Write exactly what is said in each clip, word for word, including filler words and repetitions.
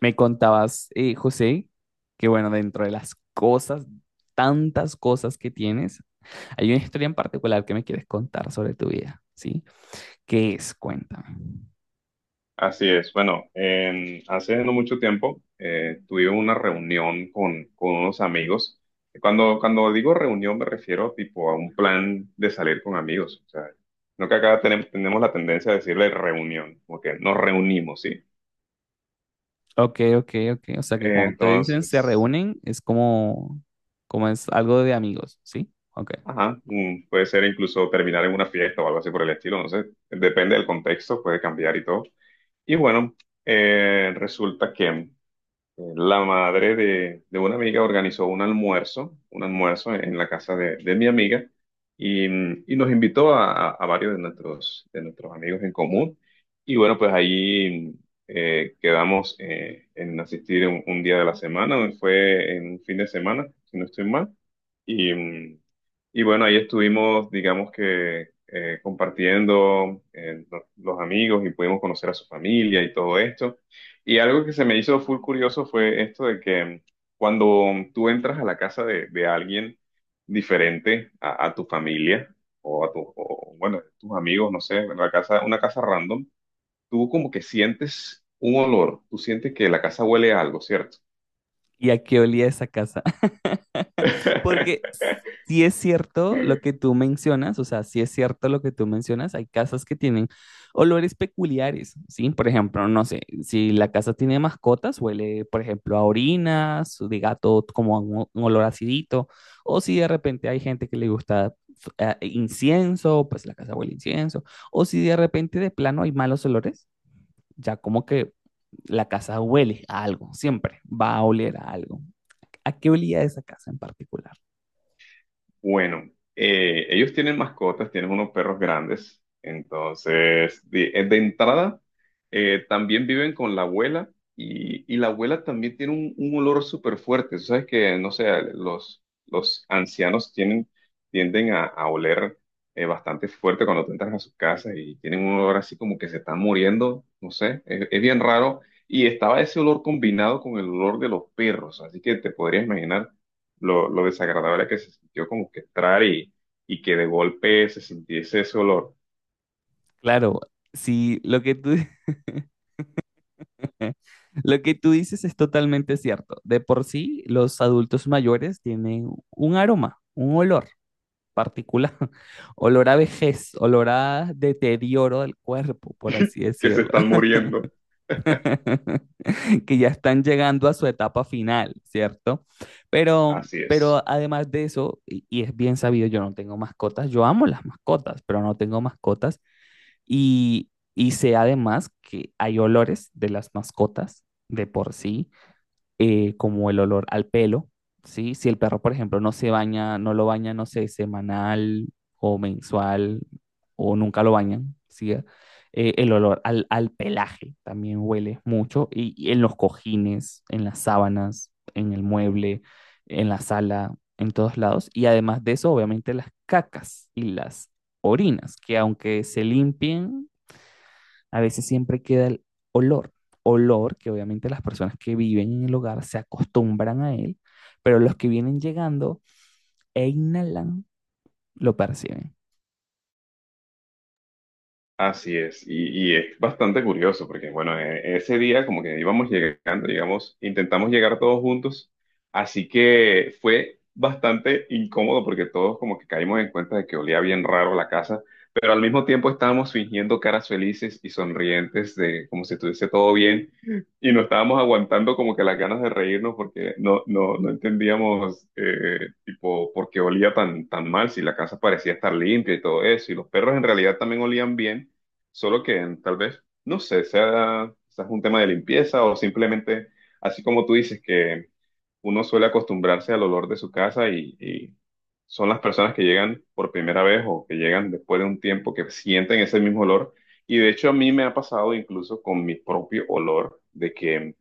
Me contabas, eh, José, que bueno, dentro de las cosas, tantas cosas que tienes, hay una historia en particular que me quieres contar sobre tu vida, ¿sí? ¿Qué es? Cuéntame. Así es. Bueno, en- hace no mucho tiempo eh, tuve una reunión con, con unos amigos. Cuando, cuando digo reunión me refiero tipo a un plan de salir con amigos. O sea, no que acá tenemos, tenemos la tendencia a decirle reunión, como que nos reunimos, ¿sí? Ok, ok, ok. O sea que Eh, cuando te dicen se Entonces, reúnen, es como, como es algo de amigos, ¿sí? Ok. ajá, mm, puede ser incluso terminar en una fiesta o algo así por el estilo, no sé. Depende del contexto, puede cambiar y todo. Y bueno, eh, resulta que la madre de, de una amiga organizó un almuerzo, un almuerzo en la casa de, de mi amiga y, y nos invitó a, a varios de nuestros, de nuestros amigos en común. Y bueno, pues ahí eh, quedamos eh, en asistir un, un día de la semana, fue en un fin de semana, si no estoy mal. Y, mm, y bueno, ahí estuvimos, digamos que eh, compartiendo eh, los los amigos y pudimos conocer a su familia y todo esto. Y algo que se me hizo full curioso fue esto de que cuando tú entras a la casa de, de alguien diferente a, a tu familia o a tu, o, bueno, tus amigos, no sé, una casa, una casa random, tú como que sientes un olor, tú sientes que la casa huele a algo, ¿cierto? ¿Y a qué olía esa casa? Porque sí es cierto lo que tú mencionas, o sea, sí es cierto lo que tú mencionas, hay casas que tienen olores peculiares, ¿sí? Por ejemplo, no sé, si la casa tiene mascotas, huele, por ejemplo, a orinas, de gato como a un, un olor acidito, o si de repente hay gente que le gusta eh, incienso, pues la casa huele a incienso, o si de repente de plano hay malos olores, ya como que la casa huele a algo, siempre va a oler a algo. ¿A qué olía esa casa en particular? Bueno, eh, ellos tienen mascotas, tienen unos perros grandes, entonces de, eh, de entrada eh, también viven con la abuela y, y la abuela también tiene un, un olor súper fuerte. Tú sabes que, no sé, los, los ancianos tienen, tienden a, a oler eh, bastante fuerte cuando tú entras a sus casas y tienen un olor así como que se están muriendo, no sé, es, es bien raro. Y estaba ese olor combinado con el olor de los perros, así que te podrías imaginar lo, lo desagradable que se sintió como que entrar y, y que de golpe se sintiese ese olor. Claro, sí, lo que tú, lo que tú dices es totalmente cierto. De por sí, los adultos mayores tienen un aroma, un olor particular, olor a vejez, olor a deterioro del cuerpo, por así Que se decirlo, están muriendo. que ya están llegando a su etapa final, ¿cierto? Pero, Así es. pero además de eso, y, y es bien sabido, yo no tengo mascotas, yo amo las mascotas, pero no tengo mascotas. Y, y sé además que hay olores de las mascotas de por sí, eh, como el olor al pelo, ¿sí? Si el perro, por ejemplo, no se baña, no lo baña, no sé, semanal o mensual o nunca lo bañan, ¿sí? Eh, el olor al, al pelaje también huele mucho y, y en los cojines, en las sábanas, en el mueble, en la sala, en todos lados. Y además de eso, obviamente las cacas y las orinas, que aunque se limpien, a veces siempre queda el olor, olor que obviamente las personas que viven en el hogar se acostumbran a él, pero los que vienen llegando e inhalan lo perciben. Así es, y, y es bastante curioso porque, bueno, e- ese día como que íbamos llegando, digamos intentamos llegar todos juntos, así que fue bastante incómodo porque todos como que caímos en cuenta de que olía bien raro la casa, pero al mismo tiempo estábamos fingiendo caras felices y sonrientes de como si estuviese todo bien y no estábamos aguantando como que las ganas de reírnos porque no, no, no entendíamos eh, tipo por qué olía tan, tan mal si la casa parecía estar limpia y todo eso y los perros en realidad también olían bien. Solo que tal vez, no sé, sea quizás un tema de limpieza o simplemente, así como tú dices, que uno suele acostumbrarse al olor de su casa y, y son las personas que llegan por primera vez o que llegan después de un tiempo que sienten ese mismo olor. Y de hecho a mí me ha pasado incluso con mi propio olor, de que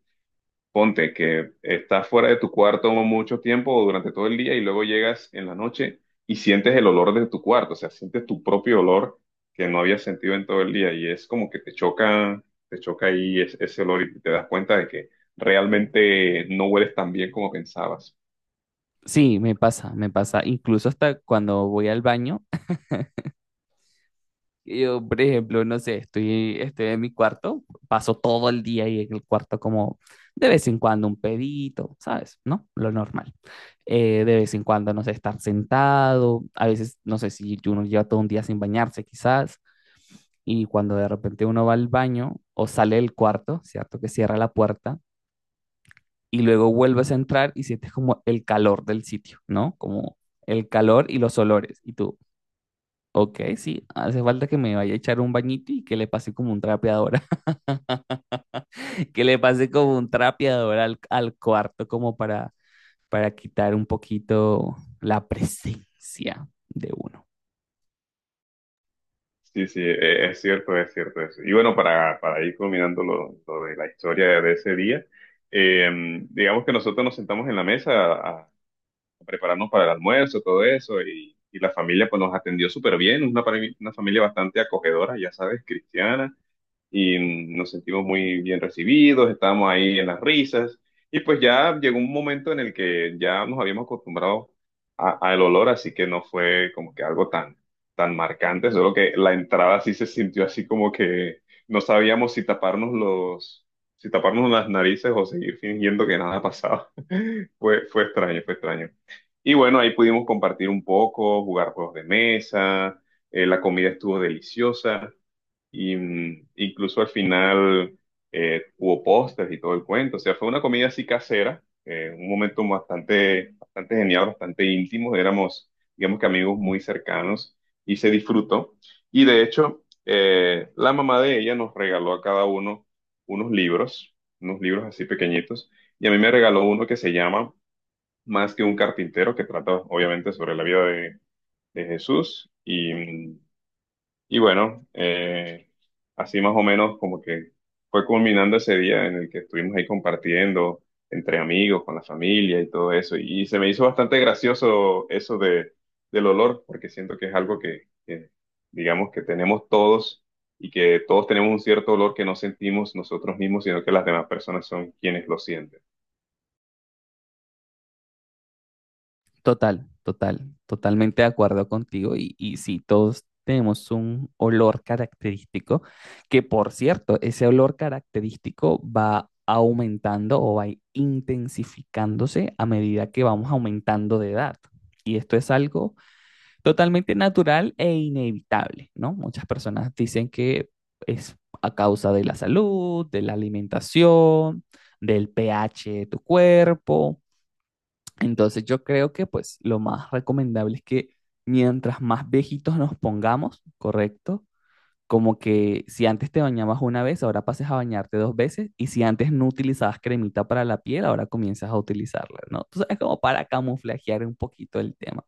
ponte que estás fuera de tu cuarto mucho tiempo o durante todo el día y luego llegas en la noche y sientes el olor de tu cuarto, o sea, sientes tu propio olor que no habías sentido en todo el día y es como que te choca, te choca ahí es- ese olor y te das cuenta de que realmente no hueles tan bien como pensabas. Sí, me pasa, me pasa, incluso hasta cuando voy al baño. Yo, por ejemplo, no sé, estoy, estoy en mi cuarto, paso todo el día ahí en el cuarto como de vez en cuando un pedito, ¿sabes? ¿No? Lo normal. Eh, de vez en cuando, no sé, estar sentado, a veces, no sé si uno lleva todo un día sin bañarse quizás, y cuando de repente uno va al baño o sale del cuarto, ¿cierto? Que cierra la puerta y luego vuelves a entrar y sientes como el calor del sitio, ¿no? Como el calor y los olores. Y tú, ok, sí, hace falta que me vaya a echar un bañito y que le pase como un trapeador, que le pase como un trapeador al, al cuarto como para, para quitar un poquito la presencia de uno. Sí, sí, e- e, es cierto, es cierto eso. Y bueno, para, para ir culminando lo, lo de la historia de ese día, eh, digamos que nosotros nos sentamos en la mesa a prepararnos para el almuerzo, todo eso, y, y la familia pues nos atendió súper bien, una, pare- una familia bastante acogedora, ya sabes, cristiana y nos sentimos muy bien recibidos, estábamos ahí en las risas y pues ya llegó un momento en el que ya nos habíamos acostumbrado a- al olor, así que no fue como que algo tan, tan marcante, solo que la entrada sí se sintió así como que no sabíamos si taparnos los, si taparnos las narices o seguir fingiendo que nada pasaba. Fue, fue extraño, fue extraño. Y bueno, ahí pudimos compartir un poco, jugar juegos de mesa, eh, la comida estuvo deliciosa. Y mm, incluso al final eh, hubo postres y todo el cuento. O sea, fue una comida así casera, eh, un momento bastante, bastante genial, bastante íntimo. Éramos, digamos que amigos muy cercanos y se disfrutó. Y de hecho, eh, la mamá de ella nos regaló a cada uno unos libros, unos libros así pequeñitos. Y a mí me regaló uno que se llama Más que un carpintero, que trata obviamente sobre la vida de, de Jesús. Y, mm, y bueno, eh, así más o menos como que fue culminando ese día en el que estuvimos ahí compartiendo entre amigos, con la familia y todo eso. Y se me hizo bastante gracioso eso de, del olor, porque siento que es algo que, que, digamos, que tenemos todos y que todos tenemos un cierto olor que no sentimos nosotros mismos, sino que las demás personas son quienes lo sienten. Total, total, totalmente de acuerdo contigo. Y, y sí, todos tenemos un olor característico, que por cierto, ese olor característico va aumentando o va intensificándose a medida que vamos aumentando de edad. Y esto es algo totalmente natural e inevitable, ¿no? Muchas personas dicen que es a causa de la salud, de la alimentación, del pH de tu cuerpo, entonces yo creo que pues lo más recomendable es que mientras más viejitos nos pongamos, ¿correcto? Como que si antes te bañabas una vez, ahora pases a bañarte dos veces y si antes no utilizabas cremita para la piel, ahora comienzas a utilizarla, ¿no? Tú sabes, como para camuflajear un poquito el tema.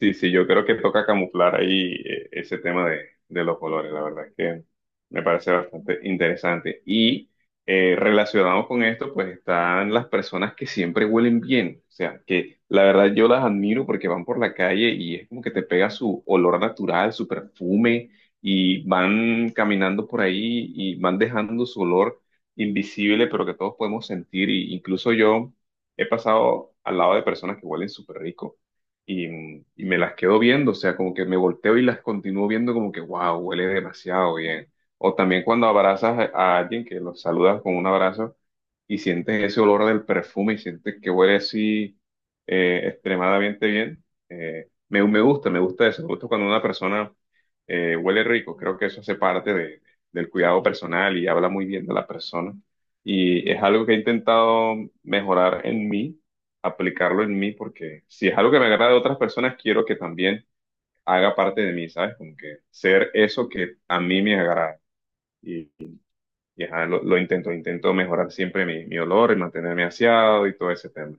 Sí, sí, yo creo que toca camuflar ahí eh, ese tema de, de los colores, la verdad es que me parece bastante interesante. Y eh, relacionado con esto, pues están las personas que siempre huelen bien, o sea, que la verdad yo las admiro porque van por la calle y es como que te pega su olor natural, su perfume, y van caminando por ahí y van dejando su olor invisible, pero que todos podemos sentir, y incluso yo he pasado al lado de personas que huelen súper rico y, y me las quedo viendo, o sea, como que me volteo y las continúo viendo como que, wow, huele demasiado bien. O también cuando abrazas a a alguien que los saludas con un abrazo y sientes ese olor del perfume y sientes que huele así eh, extremadamente bien. Eh, me, me gusta, me gusta eso, me gusta cuando una persona eh, huele rico, creo que eso hace parte de- del cuidado personal y habla muy bien de la persona. Y es algo que he intentado mejorar en mí, aplicarlo en mí, porque si es algo que me agrada de otras personas, quiero que también haga parte de mí, ¿sabes? Como que ser eso que a mí me agrada. Y ajá, lo, lo intento, intento mejorar siempre mi, mi olor y mantenerme aseado y todo ese tema.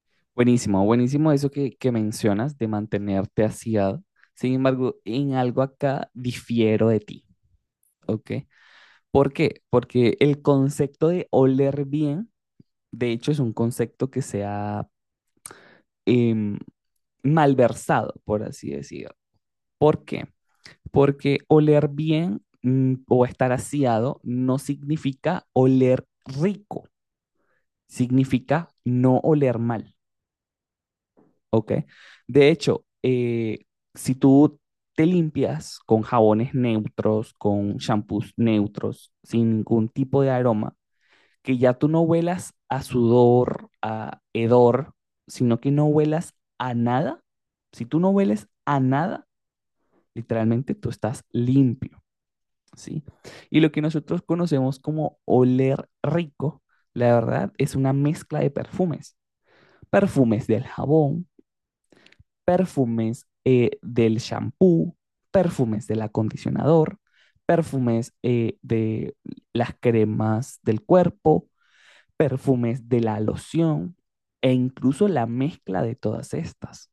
Buenísimo, buenísimo eso que, que mencionas de mantenerte aseado. Sin embargo, en algo acá difiero de ti, ¿ok? ¿Por qué? Porque el concepto de oler bien. De hecho, es un concepto que se ha em, malversado, por así decirlo. ¿Por qué? Porque oler bien, mm, o estar aseado, no significa oler rico, significa no oler mal, ¿ok? De hecho, eh, si tú te limpias con jabones neutros, con shampoos neutros, sin ningún tipo de aroma, que ya tú no huelas a sudor, a hedor, sino que no huelas a nada. Si tú no hueles a nada, literalmente tú estás limpio, ¿sí? Y lo que nosotros conocemos como oler rico, la verdad, es una mezcla de perfumes. Perfumes del jabón, perfumes eh, del shampoo, perfumes del acondicionador, perfumes eh, de las cremas del cuerpo, perfumes de la loción e incluso la mezcla de todas estas.